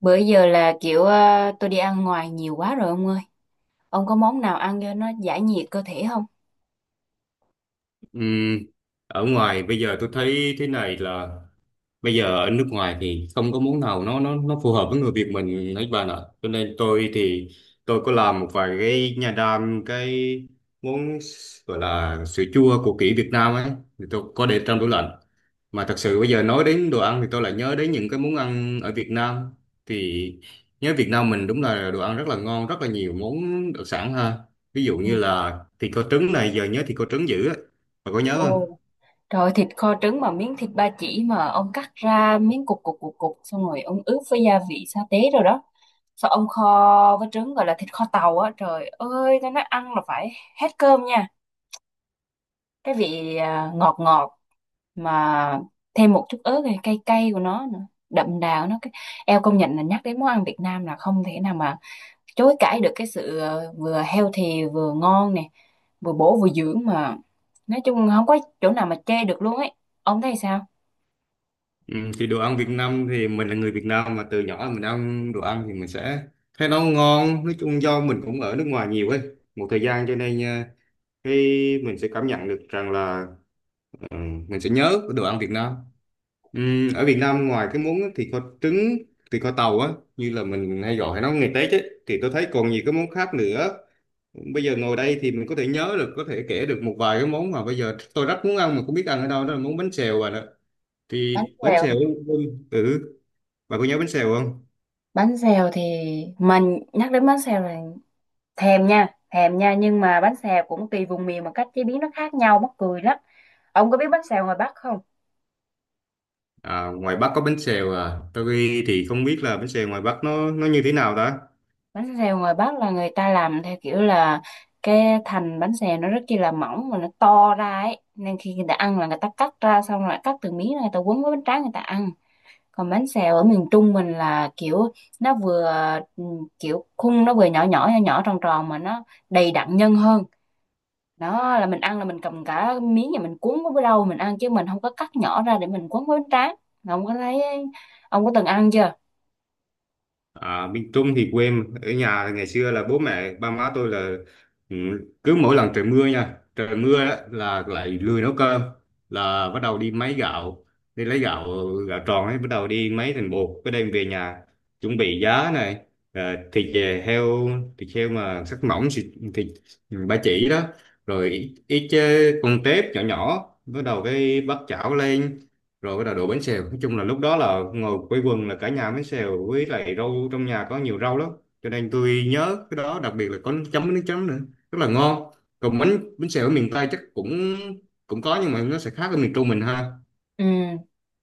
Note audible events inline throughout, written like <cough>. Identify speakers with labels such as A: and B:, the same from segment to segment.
A: Bữa giờ là kiểu tôi đi ăn ngoài nhiều quá rồi ông ơi. Ông có món nào ăn cho nó giải nhiệt cơ thể không?
B: Ừm, Ở ngoài bây giờ tôi thấy thế này là bây giờ ở nước ngoài thì không có món nào nó phù hợp với người Việt mình hết bạn ạ, cho nên tôi thì tôi có làm một vài cái nhà đam cái món gọi là sữa chua của kỷ Việt Nam ấy, thì tôi có để trong tủ lạnh. Mà thật sự bây giờ nói đến đồ ăn thì tôi lại nhớ đến những cái món ăn ở Việt Nam, thì nhớ Việt Nam mình đúng là đồ ăn rất là ngon, rất là nhiều món đặc sản ha. Ví dụ
A: Ừ.
B: như là thịt kho trứng này, giờ nhớ thịt kho trứng dữ á, bạn có nhớ không?
A: Ồ, trời ơi, thịt kho trứng mà miếng thịt ba chỉ mà ông cắt ra miếng cục cục cục cục xong rồi ông ướp với gia vị sa tế rồi đó. Sao ông kho với trứng gọi là thịt kho tàu á. Trời ơi, tôi nói ăn là phải hết cơm nha. Cái vị ngọt ngọt, mà thêm một chút ớt này, cay cay của nó nữa, đậm đà của nó. Eo, công nhận là nhắc đến món ăn Việt Nam là không thể nào mà chối cãi được cái sự vừa healthy vừa ngon nè, vừa bổ vừa dưỡng mà, nói chung không có chỗ nào mà chê được luôn ấy. Ông thấy sao?
B: Ừ, thì đồ ăn Việt Nam thì mình là người Việt Nam mà từ nhỏ mình ăn đồ ăn thì mình sẽ thấy nó ngon, nói chung do mình cũng ở nước ngoài nhiều ấy, một thời gian cho nên à, cái mình sẽ cảm nhận được rằng là ừ, mình sẽ nhớ cái đồ ăn Việt Nam. Ở Việt Nam ngoài cái món thịt kho trứng, thịt kho tàu á, như là mình hay gọi hay nói ngày Tết ấy, thì tôi thấy còn nhiều cái món khác nữa. Bây giờ ngồi đây thì mình có thể nhớ được, có thể kể được một vài cái món mà bây giờ tôi rất muốn ăn mà không biết ăn ở đâu, đó là món bánh xèo bạn ạ. Thì
A: Bánh
B: bánh
A: xèo.
B: xèo, ừ, bà có nhớ bánh xèo không?
A: Bánh xèo thì mình nhắc đến bánh xèo là thèm nha, thèm nha, nhưng mà bánh xèo cũng tùy vùng miền mà cách chế biến nó khác nhau mắc cười lắm. Ông có biết bánh xèo ngoài Bắc không?
B: À, ngoài Bắc có bánh xèo à. Tôi thì không biết là bánh xèo ngoài Bắc nó như thế nào ta?
A: Bánh xèo ngoài Bắc là người ta làm theo kiểu là cái thành bánh xèo nó rất chi là mỏng mà nó to ra ấy, nên khi người ta ăn là người ta cắt ra xong rồi cắt từng miếng rồi người ta quấn với bánh tráng người ta ăn. Còn bánh xèo ở miền Trung mình là kiểu nó vừa ừ, kiểu khung nó vừa nhỏ nhỏ nhỏ nhỏ tròn tròn mà nó đầy đặn nhân hơn. Đó là mình ăn là mình cầm cả miếng và mình cuốn với rau mình ăn, chứ mình không có cắt nhỏ ra để mình cuốn với bánh tráng. Ông có thấy? Ông có từng ăn chưa?
B: À, miền Trung thì quê em. Ở nhà thì ngày xưa là bố mẹ ba má tôi là, ừ, cứ mỗi lần trời mưa nha, trời mưa đó, là lại lười nấu cơm, là bắt đầu đi máy gạo, đi lấy gạo, gạo tròn ấy, bắt đầu đi máy thành bột cái đem về nhà, chuẩn bị giá này, ờ, thịt về heo, thịt heo mà sắc mỏng thịt, thịt ba chỉ đó, rồi ít, ít con tép nhỏ nhỏ, bắt đầu cái bắt chảo lên rồi bắt đầu đổ bánh xèo. Nói chung là lúc đó là ngồi quây quần là cả nhà bánh xèo với lại rau, trong nhà có nhiều rau lắm, cho nên tôi nhớ cái đó, đặc biệt là có nước chấm với nước chấm nữa, rất là ngon. Còn bánh bánh xèo ở miền Tây chắc cũng cũng có, nhưng mà nó sẽ khác ở miền Trung mình ha.
A: Ừ.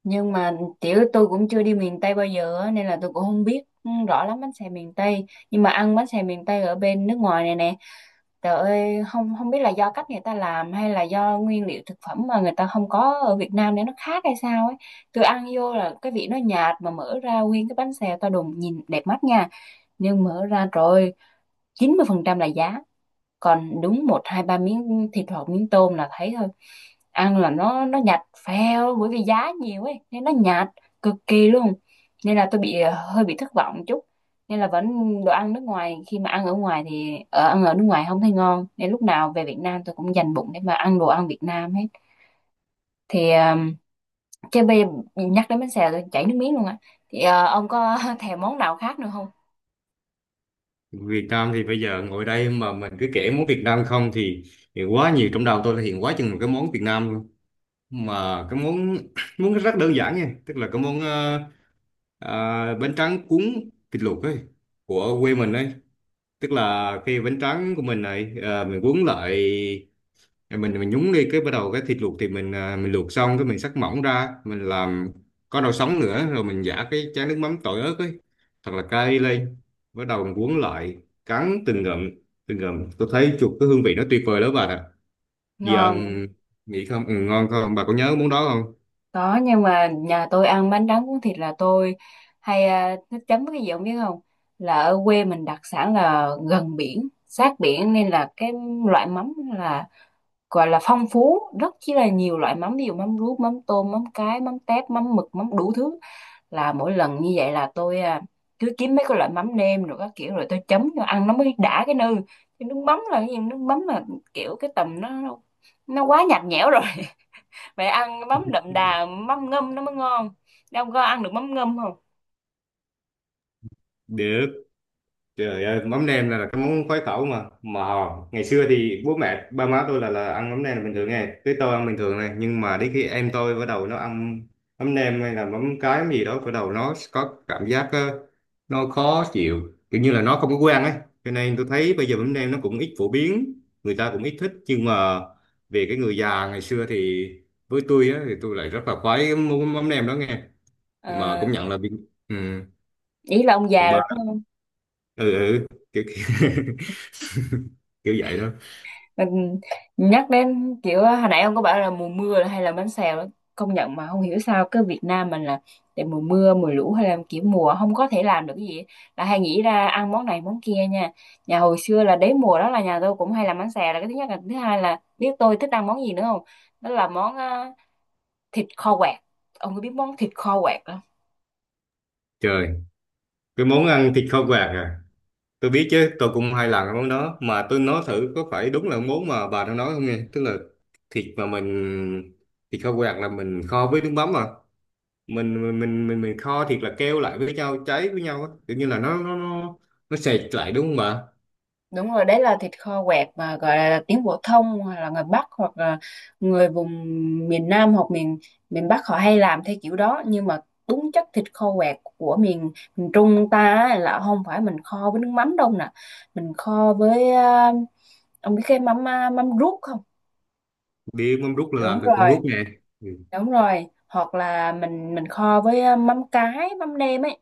A: Nhưng mà tiểu tôi cũng chưa đi miền Tây bao giờ á, nên là tôi cũng không biết rõ lắm bánh xèo miền Tây, nhưng mà ăn bánh xèo miền Tây ở bên nước ngoài này nè. Trời ơi, không không biết là do cách người ta làm hay là do nguyên liệu thực phẩm mà người ta không có ở Việt Nam để nó khác hay sao ấy. Tôi ăn vô là cái vị nó nhạt, mà mở ra nguyên cái bánh xèo to đùng nhìn đẹp mắt nha. Nhưng mở ra rồi 90% là giá, còn đúng một hai ba miếng thịt hoặc miếng tôm là thấy thôi. Ăn là nó nhạt phèo, bởi vì giá nhiều ấy nên nó nhạt cực kỳ luôn. Nên là tôi bị hơi bị thất vọng chút, nên là vẫn đồ ăn nước ngoài khi mà ăn ở ngoài thì ở ăn ở nước ngoài không thấy ngon, nên lúc nào về Việt Nam tôi cũng dành bụng để mà ăn đồ ăn Việt Nam hết. Thì chứ bây giờ nhắc đến bánh xèo tôi chảy nước miếng luôn á. Thì ông có <laughs> thèm món nào khác nữa không?
B: Việt Nam thì bây giờ ngồi đây mà mình cứ kể món Việt Nam không thì, thì quá nhiều trong đầu tôi là hiện quá chừng một cái món Việt Nam luôn. Mà cái món <coughs> <clears throat> món rất đơn giản nha, tức là cái món bánh tráng cuốn thịt luộc ấy, của quê mình ấy, tức là khi bánh tráng của mình này mình cuốn lại, mình nhúng đi cái bắt đầu cái thịt luộc thì mình luộc xong cái mình xắt mỏng ra mình làm có rau sống nữa, rồi mình giả cái chén nước mắm tỏi ớt ấy thật là cay lên, bắt đầu mình cuốn lại cắn từng ngụm, từng ngụm, tôi thấy chuột cái hương vị nó tuyệt vời lắm bà ạ. Giờ
A: Ngon.
B: nghĩ không ngon không, bà có nhớ món đó không?
A: Có, nhưng mà nhà tôi ăn bánh tráng cuốn thịt là tôi hay thích chấm cái gì không biết không? Là ở quê mình đặc sản là gần biển, sát biển, nên là cái loại mắm là gọi là phong phú, rất chỉ là nhiều loại mắm, ví dụ mắm ruốc, mắm tôm, mắm cái, mắm tép, mắm mực, mắm đủ thứ. Là mỗi lần như vậy là tôi cứ kiếm mấy cái loại mắm nêm rồi các kiểu rồi tôi chấm cho ăn nó mới đã cái nư. Cái nước mắm là cái gì? Nước mắm là kiểu cái tầm nó quá nhạt nhẽo rồi, phải ăn mắm đậm đà, mắm ngâm nó mới ngon. Đâu có ăn được mắm ngâm không?
B: để Trời ơi, mắm nêm là cái món khoái khẩu mà ngày xưa thì bố mẹ ba má tôi là ăn mắm nêm bình thường nghe, cái tôi ăn bình thường này, nhưng mà đến khi em tôi bắt đầu nó ăn mắm nêm hay là mắm cái mắm gì đó, bắt đầu nó có cảm giác nó khó chịu kiểu như là nó không có quen ấy. Cho nên tôi thấy bây giờ mắm nêm nó cũng ít phổ biến, người ta cũng ít thích, nhưng mà về cái người già ngày xưa thì với tôi á, thì tôi lại rất là khoái cái món mắm nêm đó nghe. Mà
A: À,
B: cũng nhận là bị ừ,
A: ý là ông già rồi
B: ba
A: đúng không?
B: ừ, ừ, kiểu, kiểu. <laughs> Kiểu vậy đó.
A: Mình nhắc đến kiểu hồi nãy ông có bảo là mùa mưa hay là bánh xèo đó, công nhận mà không hiểu sao cái Việt Nam mình là để mùa mưa mùa lũ hay là kiểu mùa không có thể làm được cái gì là hay nghĩ ra ăn món này món kia nha. Nhà hồi xưa là đến mùa đó là nhà tôi cũng hay làm bánh xèo là cái thứ nhất, là thứ hai là biết tôi thích ăn món gì nữa không? Đó là món thịt kho quẹt. Ông có biết món thịt kho quẹt?
B: Trời, cái món ăn thịt kho quạt à, tôi biết chứ, tôi cũng hai lần cái món đó, mà tôi nói thử có phải đúng là món mà bà đang nói không nghe, tức là thịt mà mình thịt kho quạt là mình kho với nước mắm à, mình kho thịt là keo lại với nhau, cháy với nhau á, kiểu như là nó sệt lại đúng không bà?
A: Đúng rồi, đấy là thịt kho quẹt mà gọi là tiếng phổ thông, hoặc là người Bắc, hoặc là người vùng miền Nam hoặc miền miền Bắc họ hay làm theo kiểu đó. Nhưng mà đúng chất thịt kho quẹt của miền miền Trung ta á, là không phải mình kho với nước mắm đâu nè. Mình kho với ông biết cái mắm mắm ruốc không?
B: Biết mắm rút là
A: Đúng
B: làm từ con
A: rồi.
B: rút nè. Ừ.
A: Đúng rồi. Hoặc là mình kho với mắm cái, mắm nêm ấy.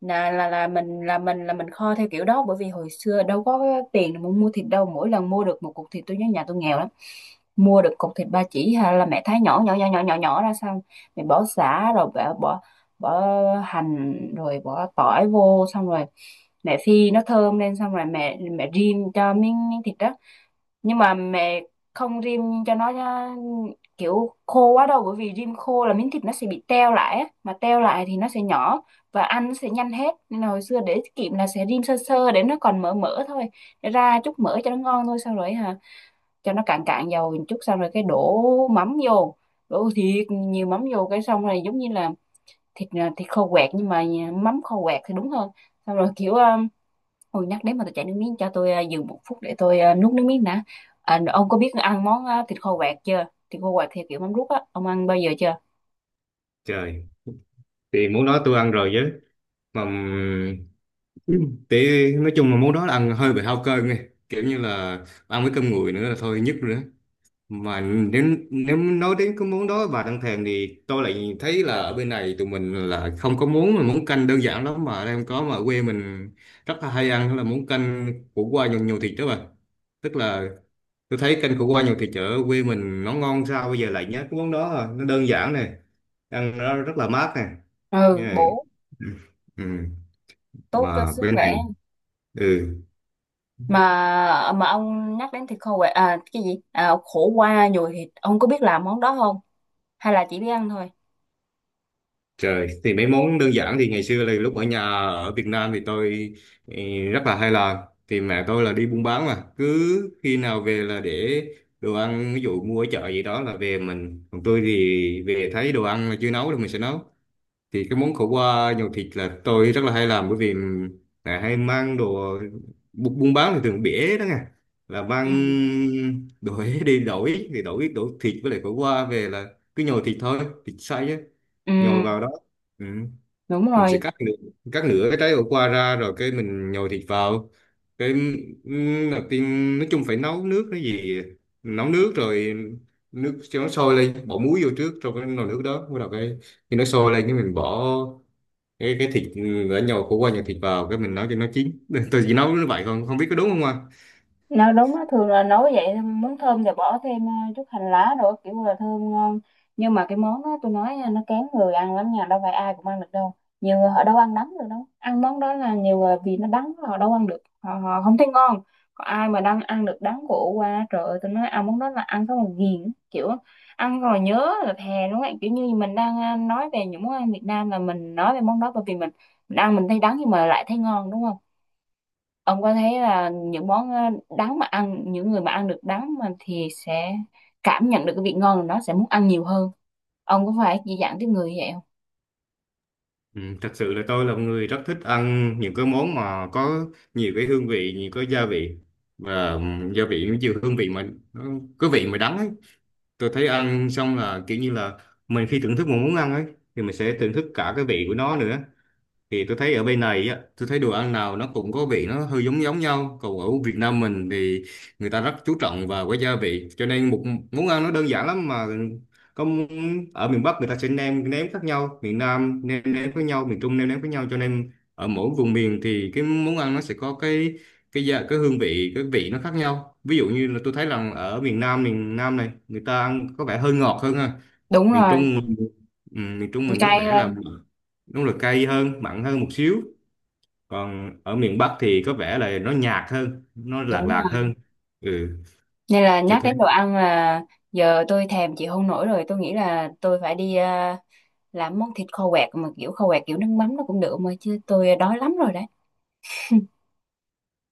A: Là là là mình là mình là mình kho theo kiểu đó, bởi vì hồi xưa đâu có cái tiền để mà mua thịt đâu. Mỗi lần mua được một cục thịt, tôi nhớ nhà tôi nghèo lắm. Mua được cục thịt ba chỉ hay là mẹ thái nhỏ nhỏ nhỏ nhỏ nhỏ nhỏ ra xong, mẹ bỏ sả rồi bỏ bỏ bỏ hành rồi bỏ tỏi vô, xong rồi mẹ phi nó thơm lên, xong rồi mẹ mẹ rim cho miếng miếng thịt đó. Nhưng mà mẹ không rim cho nó nhá, kiểu khô quá đâu, bởi vì rim khô là miếng thịt nó sẽ bị teo lại á. Mà teo lại thì nó sẽ nhỏ và ăn nó sẽ nhanh hết, nên là hồi xưa để tiết kiệm là sẽ rim sơ sơ để nó còn mỡ mỡ thôi, để ra chút mỡ cho nó ngon thôi. Sau rồi hả, cho nó cạn cạn dầu một chút xong rồi cái đổ mắm vô, đổ thiệt nhiều mắm vô cái, xong rồi giống như là thịt thịt khô quẹt, nhưng mà mắm khô quẹt thì đúng hơn. Xong rồi kiểu ôi nhắc đến mà tôi chảy nước miếng, cho tôi dừng một phút để tôi nuốt nước miếng đã. À, ông có biết ăn món thịt kho quẹt chưa? Thịt kho quẹt theo kiểu mắm rút á, ông ăn bao giờ chưa?
B: Trời, thì món đó tôi ăn rồi chứ, mà thì nói chung là món đó là ăn hơi bị hao cơm nghe, kiểu như là ăn với cơm nguội nữa là thôi nhức rồi đó. Mà nếu nếu nói đến cái món đó bà đang thèm thì tôi lại thấy là ở bên này tụi mình là không có món, mà món canh đơn giản lắm mà em có mà quê mình rất là hay ăn, đó là món canh khổ qua nhiều, nhiều thịt đó bà. Tức là tôi thấy canh khổ qua nhiều thịt ở quê mình nó ngon, sao bây giờ lại nhớ cái món đó à. Nó đơn giản này, ăn nó rất là mát này.
A: Ừ,
B: Yeah.
A: bổ,
B: Ừ. Ừ.
A: tốt cho
B: Mà
A: sức
B: bên này.
A: khỏe.
B: Ừ.
A: Mà ông nhắc đến thịt kho quẹt à cái gì? À, khổ qua nhồi thịt, ông có biết làm món đó không? Hay là chỉ biết ăn thôi?
B: Trời, thì mấy món đơn giản thì ngày xưa là lúc ở nhà ở Việt Nam thì tôi ừ, rất là hay làm. Thì mẹ tôi là đi buôn bán mà, cứ khi nào về là để đồ ăn, ví dụ mua ở chợ gì đó là về mình. Còn tôi thì về thấy đồ ăn là chưa nấu thì mình sẽ nấu. Thì cái món khổ qua nhồi thịt là tôi rất là hay làm, bởi vì mẹ hay mang đồ buôn bán thì thường bỉa đó nghe. Là mang
A: Ừ.
B: đồ Huế đi đổi thì đổi đổi thịt với lại khổ qua về, là cứ nhồi thịt thôi, thịt xay á
A: Ừ,
B: nhồi vào đó. Ừ.
A: đúng
B: Mình sẽ
A: rồi.
B: cắt nửa cái trái ổ qua ra rồi cái mình nhồi thịt vào cái, đầu tiên nói chung phải nấu nước cái gì, nấu nước rồi nước cho nó sôi lên, bỏ muối vô trước trong cái nồi nước đó, bắt đầu cái khi nó sôi lên cái mình bỏ cái thịt đã nhồi khổ qua nhồi thịt vào cái mình nấu cho nó chín. <laughs> Tôi chỉ nấu như vậy, còn không biết có đúng không ạ?
A: Nó đúng á, thường là nấu vậy, muốn thơm thì bỏ thêm chút hành lá rồi kiểu là thơm ngon. Nhưng mà cái món đó tôi nói nha, nó kén người ăn lắm nha, đâu phải ai cũng ăn được đâu. Nhiều người họ đâu ăn đắng được đâu, ăn món đó là nhiều người vì nó đắng họ đâu ăn được, họ không thấy ngon. Còn ai mà đang ăn được đắng của qua, trời ơi, tôi nói ăn món đó là ăn xong rồi ghiền, kiểu ăn rồi nhớ là thèm đúng không ạ? Kiểu như mình đang nói về những món ăn Việt Nam là mình nói về món đó, bởi vì mình ăn mình thấy đắng nhưng mà lại thấy ngon đúng không? Ông có thấy là những món đắng mà ăn, những người mà ăn được đắng mà thì sẽ cảm nhận được cái vị ngon của nó, sẽ muốn ăn nhiều hơn? Ông có phải dị dạng tiếp người như vậy không?
B: Ừ, thật sự là tôi là một người rất thích ăn những cái món mà có nhiều cái hương vị, nhiều cái gia vị, và gia vị nó nhiều hương vị mà nó có vị mà đắng ấy. Tôi thấy ăn xong là kiểu như là mình khi thưởng thức một món ăn ấy thì mình sẽ thưởng thức cả cái vị của nó nữa. Thì tôi thấy ở bên này á, tôi thấy đồ ăn nào nó cũng có vị nó hơi giống giống nhau, còn ở Việt Nam mình thì người ta rất chú trọng vào cái gia vị, cho nên một món ăn nó đơn giản lắm mà, có ở miền Bắc người ta sẽ nêm nếm khác nhau, miền Nam nêm nếm với nhau, miền Trung nêm nếm với nhau, cho nên ở mỗi vùng miền thì cái món ăn nó sẽ có cái gia cái hương vị cái vị nó khác nhau. Ví dụ như là tôi thấy rằng ở miền Nam, miền Nam này người ta ăn có vẻ hơi ngọt hơn ha.
A: Đúng
B: Miền
A: rồi.
B: Trung mình- ừ, miền Trung mình có
A: Cay
B: vẻ là
A: hơn.
B: đúng là cay hơn, mặn hơn một xíu. Còn ở miền Bắc thì có vẻ là nó nhạt hơn, nó lạc
A: Đúng
B: lạc
A: rồi.
B: hơn. Ừ.
A: Nên là
B: Cho
A: nhắc
B: thấy.
A: đến đồ ăn là giờ tôi thèm chịu không nổi rồi, tôi nghĩ là tôi phải đi làm món thịt kho quẹt mà kiểu kho quẹt kiểu nước mắm nó cũng được mà, chứ tôi đói lắm rồi đấy.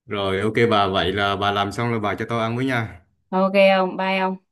B: Rồi ok, bà vậy là bà làm xong là bà cho tôi ăn với nha.
A: OK ông, bye ông.